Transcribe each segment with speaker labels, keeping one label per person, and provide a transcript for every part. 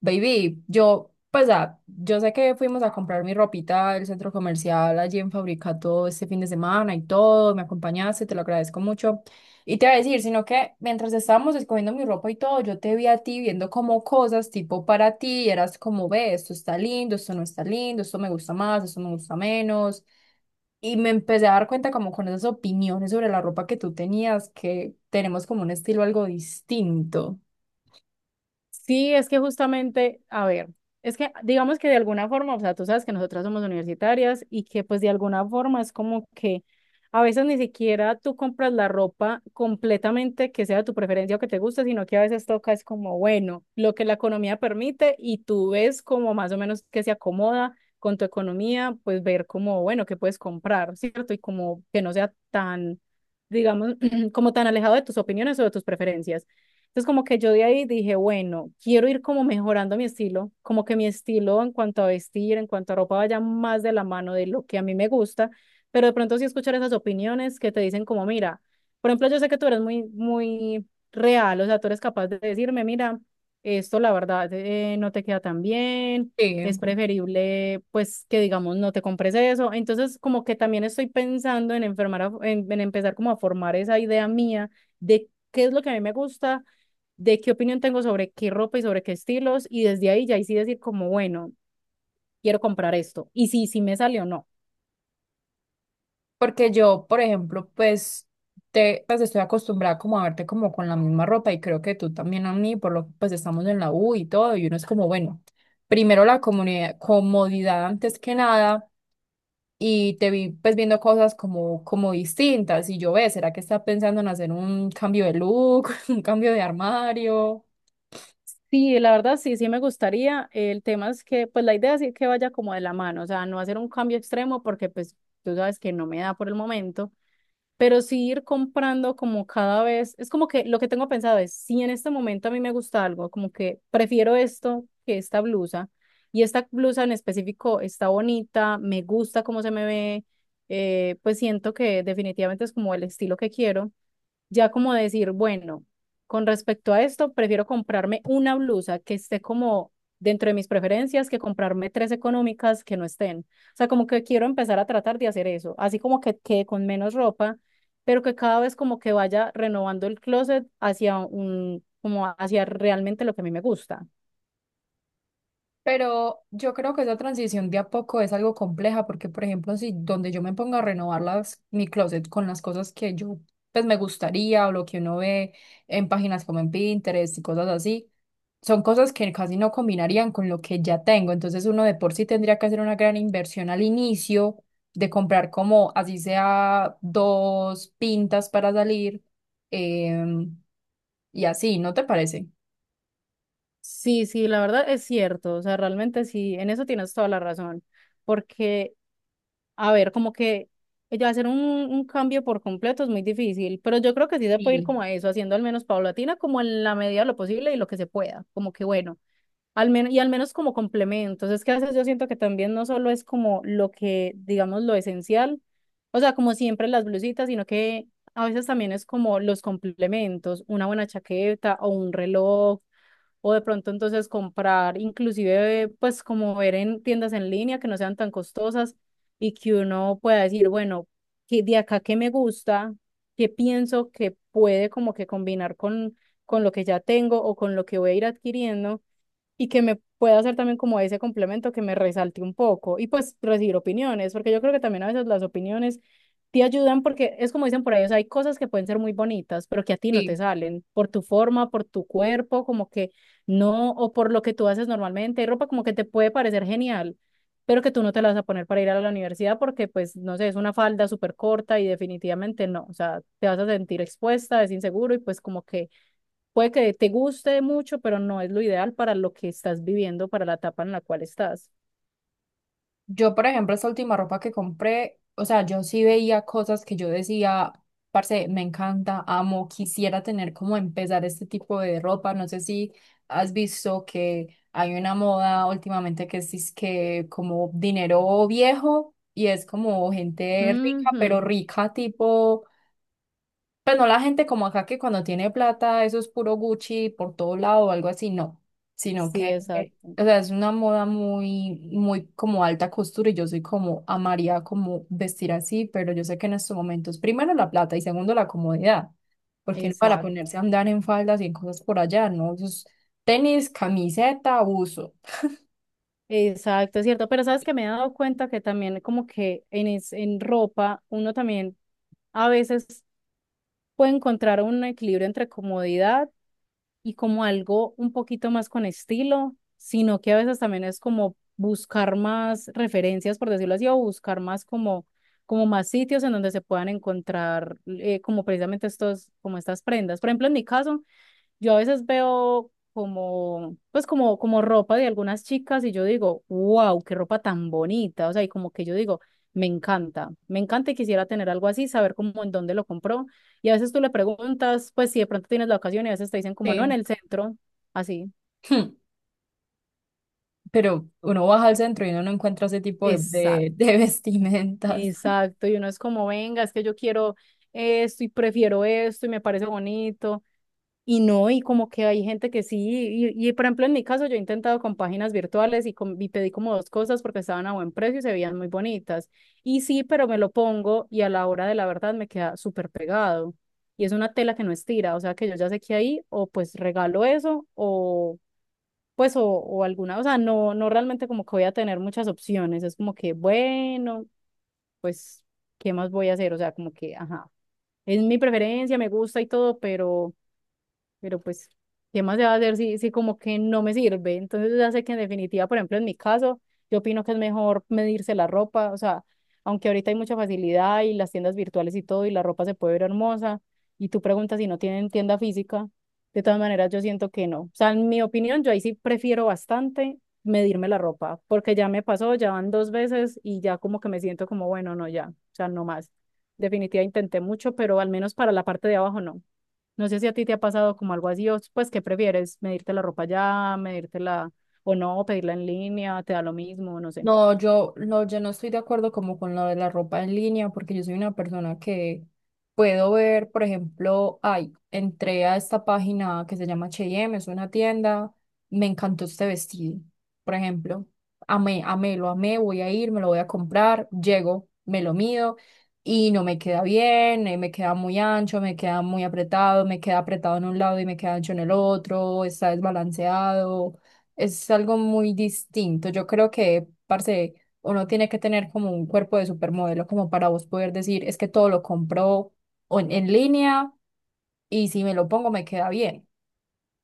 Speaker 1: Baby, yo, pues, yo sé que fuimos a comprar mi ropita del centro comercial allí en Fabricato este fin de semana y todo, me acompañaste, te lo agradezco mucho. Y te voy a decir, sino que mientras estábamos escogiendo mi ropa y todo, yo te vi a ti viendo como cosas tipo para ti, y eras como, ve, esto está lindo, esto no está lindo, esto me gusta más, esto me gusta menos. Y me empecé a dar cuenta como con esas opiniones sobre la ropa que tú tenías, que tenemos como un estilo algo distinto.
Speaker 2: Sí, es que justamente, a ver, es que digamos que de alguna forma, o sea, tú sabes que nosotras somos universitarias y que pues de alguna forma es como que a veces ni siquiera tú compras la ropa completamente que sea de tu preferencia o que te guste, sino que a veces toca es como, bueno, lo que la economía permite y tú ves como más o menos que se acomoda con tu economía, pues ver como, bueno, qué puedes comprar, ¿cierto? Y como que no sea tan, digamos, como tan alejado de tus opiniones o de tus preferencias. Entonces, como que yo de ahí dije, bueno, quiero ir como mejorando mi estilo, como que mi estilo en cuanto a vestir, en cuanto a ropa vaya más de la mano de lo que a mí me gusta, pero de pronto sí escuchar esas opiniones que te dicen como, mira, por ejemplo, yo sé que tú eres muy, muy real, o sea, tú eres capaz de decirme, mira, esto la verdad no te queda tan bien, es
Speaker 1: Sí.
Speaker 2: preferible pues que digamos no te compres eso. Entonces como que también estoy pensando en enfermar, en empezar como a formar esa idea mía de qué es lo que a mí me gusta, de qué opinión tengo sobre qué ropa y sobre qué estilos, y desde ahí ya ahí sí decir como, bueno, quiero comprar esto, y sí, sí me sale o no.
Speaker 1: Porque yo, por ejemplo, pues, te, pues estoy acostumbrada como a verte como con la misma ropa y creo que tú también a mí, por lo que pues estamos en la U y todo, y uno es como, bueno, primero la comodidad, comodidad antes que nada y te vi pues viendo cosas como, como distintas y yo ve, ¿será que está pensando en hacer un cambio de look, un cambio de armario?
Speaker 2: Sí, la verdad sí, sí me gustaría. El tema es que, pues la idea es que vaya como de la mano, o sea, no hacer un cambio extremo porque pues tú sabes que no me da por el momento, pero sí ir comprando como cada vez, es como que lo que tengo pensado es, si en este momento a mí me gusta algo, como que prefiero esto que esta blusa, y esta blusa en específico está bonita, me gusta cómo se me ve, pues siento que definitivamente es como el estilo que quiero, ya como decir, bueno, con respecto a esto, prefiero comprarme una blusa que esté como dentro de mis preferencias que comprarme tres económicas que no estén. O sea, como que quiero empezar a tratar de hacer eso, así como que quede con menos ropa, pero que cada vez como que vaya renovando el closet hacia como hacia realmente lo que a mí me gusta.
Speaker 1: Pero yo creo que esa transición de a poco es algo compleja porque, por ejemplo, si donde yo me ponga a renovar las, mi closet con las cosas que yo pues me gustaría o lo que uno ve en páginas como en Pinterest y cosas así, son cosas que casi no combinarían con lo que ya tengo. Entonces uno de por sí tendría que hacer una gran inversión al inicio de comprar como así sea dos pintas para salir em, y así, ¿no te parece?
Speaker 2: Sí, sí, la verdad es cierto, o sea, realmente sí, en eso tienes toda la razón, porque a ver, como que ella hacer un cambio por completo es muy difícil, pero yo creo que sí se puede ir
Speaker 1: Sí.
Speaker 2: como a eso, haciendo al menos paulatina, como en la medida de lo posible y lo que se pueda, como que bueno, al menos como complementos. Es que a veces yo siento que también no solo es como lo que, digamos, lo esencial, o sea, como siempre las blusitas, sino que a veces también es como los complementos, una buena chaqueta o un reloj o de pronto entonces comprar, inclusive pues como ver en tiendas en línea que no sean tan costosas y que uno pueda decir, bueno, que de acá qué me gusta, qué pienso que puede como que combinar con, lo que ya tengo o con lo que voy a ir adquiriendo y que me pueda hacer también como ese complemento que me resalte un poco y pues recibir opiniones, porque yo creo que también a veces las opiniones te ayudan porque es como dicen por ahí, o sea, hay cosas que pueden ser muy bonitas, pero que a ti no te
Speaker 1: Sí.
Speaker 2: salen por tu forma, por tu cuerpo, como que no, o por lo que tú haces normalmente, hay ropa como que te puede parecer genial, pero que tú no te la vas a poner para ir a la universidad porque, pues, no sé, es una falda súper corta y definitivamente no, o sea, te vas a sentir expuesta, es inseguro y pues como que puede que te guste mucho, pero no es lo ideal para lo que estás viviendo, para la etapa en la cual estás.
Speaker 1: Yo, por ejemplo, esta última ropa que compré, o sea, yo sí veía cosas que yo decía, parce, me encanta, amo, quisiera tener como empezar este tipo de ropa. No sé si has visto que hay una moda últimamente que es que como dinero viejo y es como gente rica, pero
Speaker 2: Ujú.
Speaker 1: rica tipo pues no la gente como acá que cuando tiene plata, eso es puro Gucci por todo lado o algo así, no. Sino
Speaker 2: Sí,
Speaker 1: que,
Speaker 2: exacto,
Speaker 1: o sea, es una moda muy, muy como alta costura y yo soy como amaría como vestir así, pero yo sé que en estos momentos, primero la plata y segundo la comodidad, porque uno para
Speaker 2: exacto,
Speaker 1: ponerse a andar en faldas y en cosas por allá, ¿no? Eso es tenis, camiseta, buzo.
Speaker 2: exacto, es cierto. Pero sabes que me he dado cuenta que también como que en, en ropa uno también a veces puede encontrar un equilibrio entre comodidad y como algo un poquito más con estilo, sino que a veces también es como buscar más referencias, por decirlo así, o buscar más como, como más sitios en donde se puedan encontrar como precisamente estos, como estas prendas. Por ejemplo, en mi caso, yo a veces veo como, como ropa de algunas chicas y yo digo, wow, qué ropa tan bonita. O sea, y como que yo digo, me encanta y quisiera tener algo así, saber cómo, en dónde lo compró. Y a veces tú le preguntas, pues si de pronto tienes la ocasión y a veces te dicen como, no, en
Speaker 1: Sí.
Speaker 2: el centro, así.
Speaker 1: Pero uno baja al centro y uno no encuentra ese tipo de,
Speaker 2: Exacto,
Speaker 1: de vestimentas.
Speaker 2: exacto. Y uno es como, venga, es que yo quiero esto y prefiero esto y me parece bonito. Y no, y como que hay gente que sí, y por ejemplo en mi caso yo he intentado con páginas virtuales y pedí como dos cosas porque estaban a buen precio y se veían muy bonitas. Y sí, pero me lo pongo y a la hora de la verdad me queda súper pegado. Y es una tela que no estira, o sea que yo ya sé que ahí o pues regalo eso o pues o alguna, o sea, no, no realmente como que voy a tener muchas opciones, es como que bueno, pues, ¿qué más voy a hacer? O sea, como que, ajá, es mi preferencia, me gusta y todo, pero... Pero pues, ¿qué más se va a hacer si, como que no me sirve? Entonces ya sé que en definitiva, por ejemplo, en mi caso, yo opino que es mejor medirse la ropa, o sea, aunque ahorita hay mucha facilidad y las tiendas virtuales y todo, y la ropa se puede ver hermosa, y tú preguntas si no tienen tienda física, de todas maneras yo siento que no. O sea, en mi opinión, yo ahí sí prefiero bastante medirme la ropa, porque ya me pasó, ya van 2 veces y ya como que me siento como, bueno, no, ya, o sea, no más. Definitiva intenté mucho, pero al menos para la parte de abajo no. No sé si a ti te ha pasado como algo así, o pues, ¿qué prefieres? ¿Medirte la ropa ya, medírtela o no, pedirla en línea, te da lo mismo, no sé.
Speaker 1: No, yo no estoy de acuerdo como con lo de la ropa en línea, porque yo soy una persona que puedo ver, por ejemplo, ay, entré a esta página que se llama H&M, es una tienda, me encantó este vestido, por ejemplo, amé, amé, lo amé, voy a ir, me lo voy a comprar, llego, me lo mido y no me queda bien, me queda muy ancho, me queda muy apretado, me queda apretado en un lado y me queda ancho en el otro, está desbalanceado es algo muy distinto. Yo creo que, parce, uno tiene que tener como un cuerpo de supermodelo como para vos poder decir, es que todo lo compro en, línea y si me lo pongo me queda bien.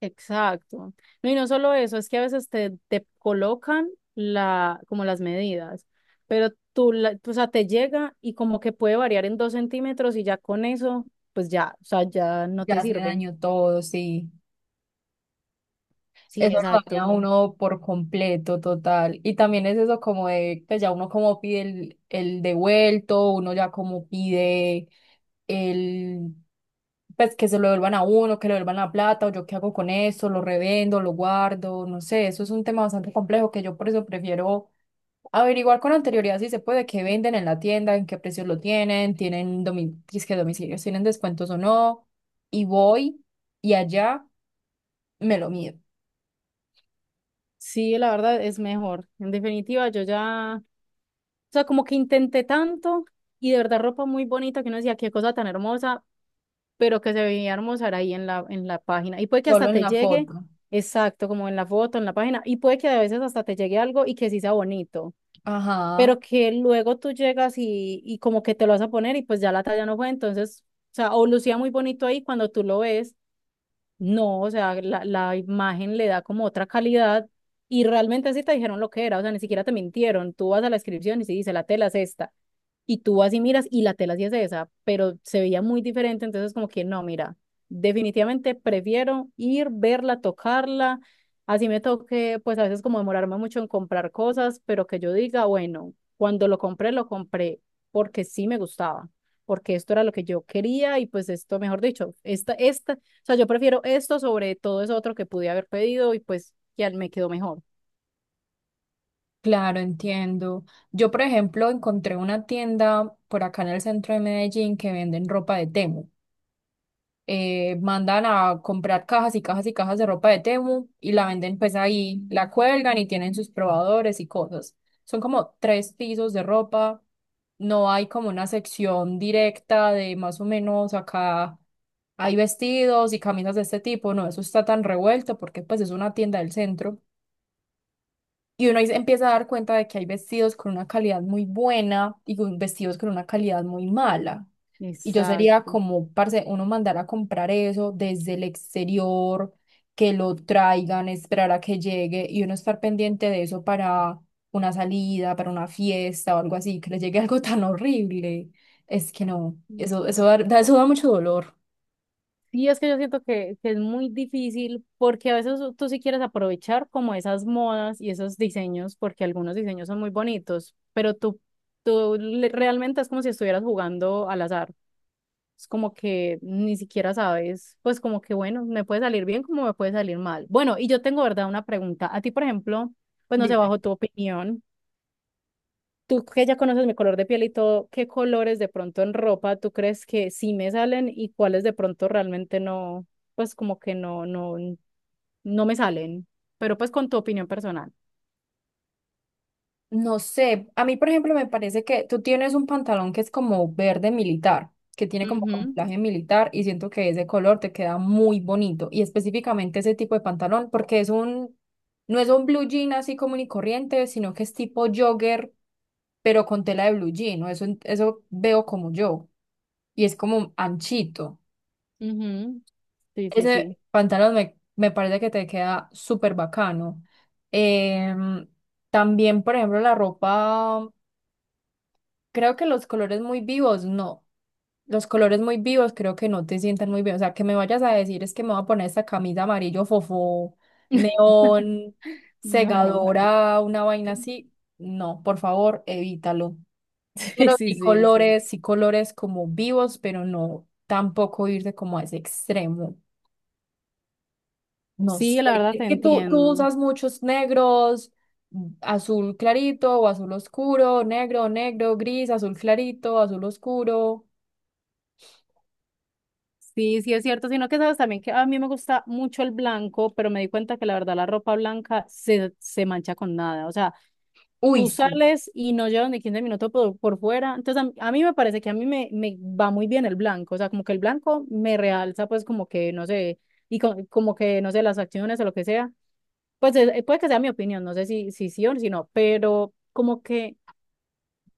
Speaker 2: Exacto. No, y no solo eso, es que a veces te colocan como las medidas, pero tú, o sea, te llega y como que puede variar en 2 centímetros y ya con eso, pues ya, o sea, ya no te
Speaker 1: Ya se
Speaker 2: sirve.
Speaker 1: dañó todo, sí.
Speaker 2: Sí,
Speaker 1: Eso lo daña a
Speaker 2: exacto.
Speaker 1: uno por completo, total. Y también es eso como de, pues ya uno como pide el devuelto, uno ya como pide el, pues que se lo devuelvan a uno, que le devuelvan la plata, o yo qué hago con eso, lo revendo, lo guardo, no sé, eso es un tema bastante complejo que yo por eso prefiero averiguar con anterioridad si se puede, qué venden en la tienda, en qué precios lo tienen, si es que domicilios, tienen descuentos o no, y voy y allá me lo mido.
Speaker 2: Sí, la verdad es mejor. En definitiva, yo ya, o sea, como que intenté tanto y de verdad ropa muy bonita que uno decía, qué cosa tan hermosa, pero que se veía hermosa era ahí en la página. Y puede que
Speaker 1: Solo
Speaker 2: hasta
Speaker 1: en
Speaker 2: te
Speaker 1: la
Speaker 2: llegue,
Speaker 1: foto.
Speaker 2: exacto, como en la foto, en la página, y puede que a veces hasta te llegue algo y que sí sea bonito,
Speaker 1: Ajá,
Speaker 2: pero que luego tú llegas y como que te lo vas a poner y pues ya la talla no fue. Entonces, o sea, o lucía muy bonito ahí cuando tú lo ves, no, o sea, la imagen le da como otra calidad y realmente así te dijeron lo que era, o sea, ni siquiera te mintieron. Tú vas a la descripción y se dice, la tela es esta. Y tú vas y miras y la tela sí es esa, pero se veía muy diferente, entonces como que no, mira, definitivamente prefiero ir, verla, tocarla. Así me toque, pues a veces como demorarme mucho en comprar cosas, pero que yo diga, bueno, cuando lo compré porque sí me gustaba, porque esto era lo que yo quería y pues esto, mejor dicho, esta o sea, yo prefiero esto sobre todo eso otro que pude haber pedido y pues ya me quedó mejor.
Speaker 1: claro, entiendo. Yo, por ejemplo, encontré una tienda por acá en el centro de Medellín que venden ropa de Temu. Mandan a comprar cajas y cajas y cajas de ropa de Temu y la venden pues ahí, la cuelgan y tienen sus probadores y cosas. Son como tres pisos de ropa. No hay como una sección directa de más o menos acá hay vestidos y camisas de este tipo. No, eso está tan revuelto porque pues es una tienda del centro. Y uno ahí se empieza a dar cuenta de que hay vestidos con una calidad muy buena y vestidos con una calidad muy mala. Y yo sería
Speaker 2: Exacto.
Speaker 1: como, parce, uno mandar a comprar eso desde el exterior, que lo traigan, esperar a que llegue y uno estar pendiente de eso para una salida, para una fiesta o algo así, que le llegue algo tan horrible. Es que no, eso, eso da mucho dolor.
Speaker 2: Sí, es que yo siento que es muy difícil porque a veces tú sí quieres aprovechar como esas modas y esos diseños, porque algunos diseños son muy bonitos, pero tú realmente es como si estuvieras jugando al azar. Es como que ni siquiera sabes, pues como que bueno, me puede salir bien como me puede salir mal. Bueno, y yo tengo, ¿verdad?, una pregunta. A ti, por ejemplo, pues no sé, bajo tu opinión. Tú que ya conoces mi color de piel y todo, ¿qué colores de pronto en ropa tú crees que sí me salen y cuáles de pronto realmente no, pues como que no, no, no me salen? Pero pues con tu opinión personal.
Speaker 1: No sé, a mí por ejemplo me parece que tú tienes un pantalón que es como verde militar, que tiene como
Speaker 2: Ujú,
Speaker 1: camuflaje militar y siento que ese color te queda muy bonito y específicamente ese tipo de pantalón porque es un, no es un blue jean así común y corriente, sino que es tipo jogger, pero con tela de blue jean, ¿no? Eso veo como yo y es como anchito.
Speaker 2: ujú. Sí, sí, sí.
Speaker 1: Ese pantalón me parece que te queda súper bacano. Em, también, por ejemplo, la ropa. Creo que los colores muy vivos, no. Los colores muy vivos creo que no te sientan muy bien. O sea, que me vayas a decir es que me voy a poner esta camisa amarillo fofó, neón,
Speaker 2: No, no.
Speaker 1: segadora, una vaina así. No, por favor, evítalo.
Speaker 2: Sí,
Speaker 1: Pero
Speaker 2: sí, sí, es cierto.
Speaker 1: sí colores como vivos, pero no tampoco irte como a ese extremo. No
Speaker 2: Sí,
Speaker 1: sé.
Speaker 2: la verdad
Speaker 1: Es
Speaker 2: te
Speaker 1: que tú
Speaker 2: entiendo.
Speaker 1: usas muchos negros, mm, azul clarito o azul oscuro, negro, negro, gris, azul clarito, azul oscuro.
Speaker 2: Sí, sí, es cierto, sino que sabes también que a mí me gusta mucho el blanco, pero me di cuenta que la verdad la ropa blanca se mancha con nada. O sea,
Speaker 1: Uy,
Speaker 2: tú
Speaker 1: sí,
Speaker 2: sales y no llevan ni 15 minutos por fuera. Entonces, a mí me parece que a mí me va muy bien el blanco. O sea, como que el blanco me realza, pues, como que, no sé, y como que, no sé, las acciones o lo que sea. Pues puede que sea mi opinión, no sé si, sí o si no, pero como que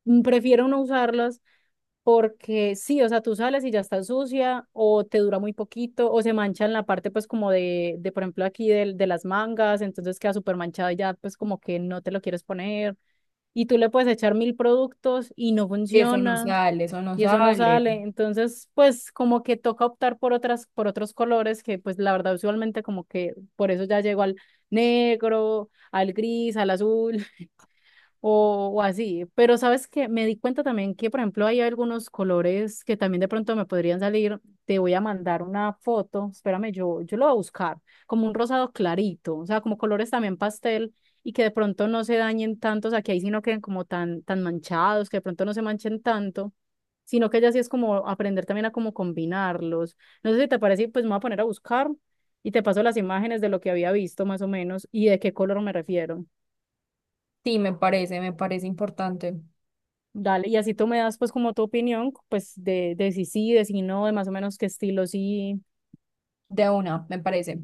Speaker 2: prefiero no usarlas porque sí, o sea, tú sales y ya está sucia o te dura muy poquito o se mancha en la parte, pues, como de por ejemplo, aquí del de las mangas, entonces queda súper manchada y ya, pues, como que no te lo quieres poner y tú le puedes echar mil productos y no
Speaker 1: eso no
Speaker 2: funciona
Speaker 1: sale, eso no
Speaker 2: y eso no
Speaker 1: sale.
Speaker 2: sale. Entonces, pues como que toca optar por por otros colores que pues la verdad usualmente como que por eso ya llego al negro, al gris, al azul o así. Pero sabes que me di cuenta también que, por ejemplo, hay algunos colores que también de pronto me podrían salir. Te voy a mandar una foto, espérame, yo lo voy a buscar, como un rosado clarito, o sea, como colores también pastel y que de pronto no se dañen tanto, o sea, que ahí sí no queden como tan, tan manchados, que de pronto no se manchen tanto, sino que ya sí es como aprender también a cómo combinarlos. No sé si te parece, pues me voy a poner a buscar y te paso las imágenes de lo que había visto más o menos y de qué color me refiero.
Speaker 1: Sí, me parece importante.
Speaker 2: Dale, y así tú me das pues como tu opinión, pues de si sí, de si no, de más o menos qué estilo sí.
Speaker 1: De una, me parece.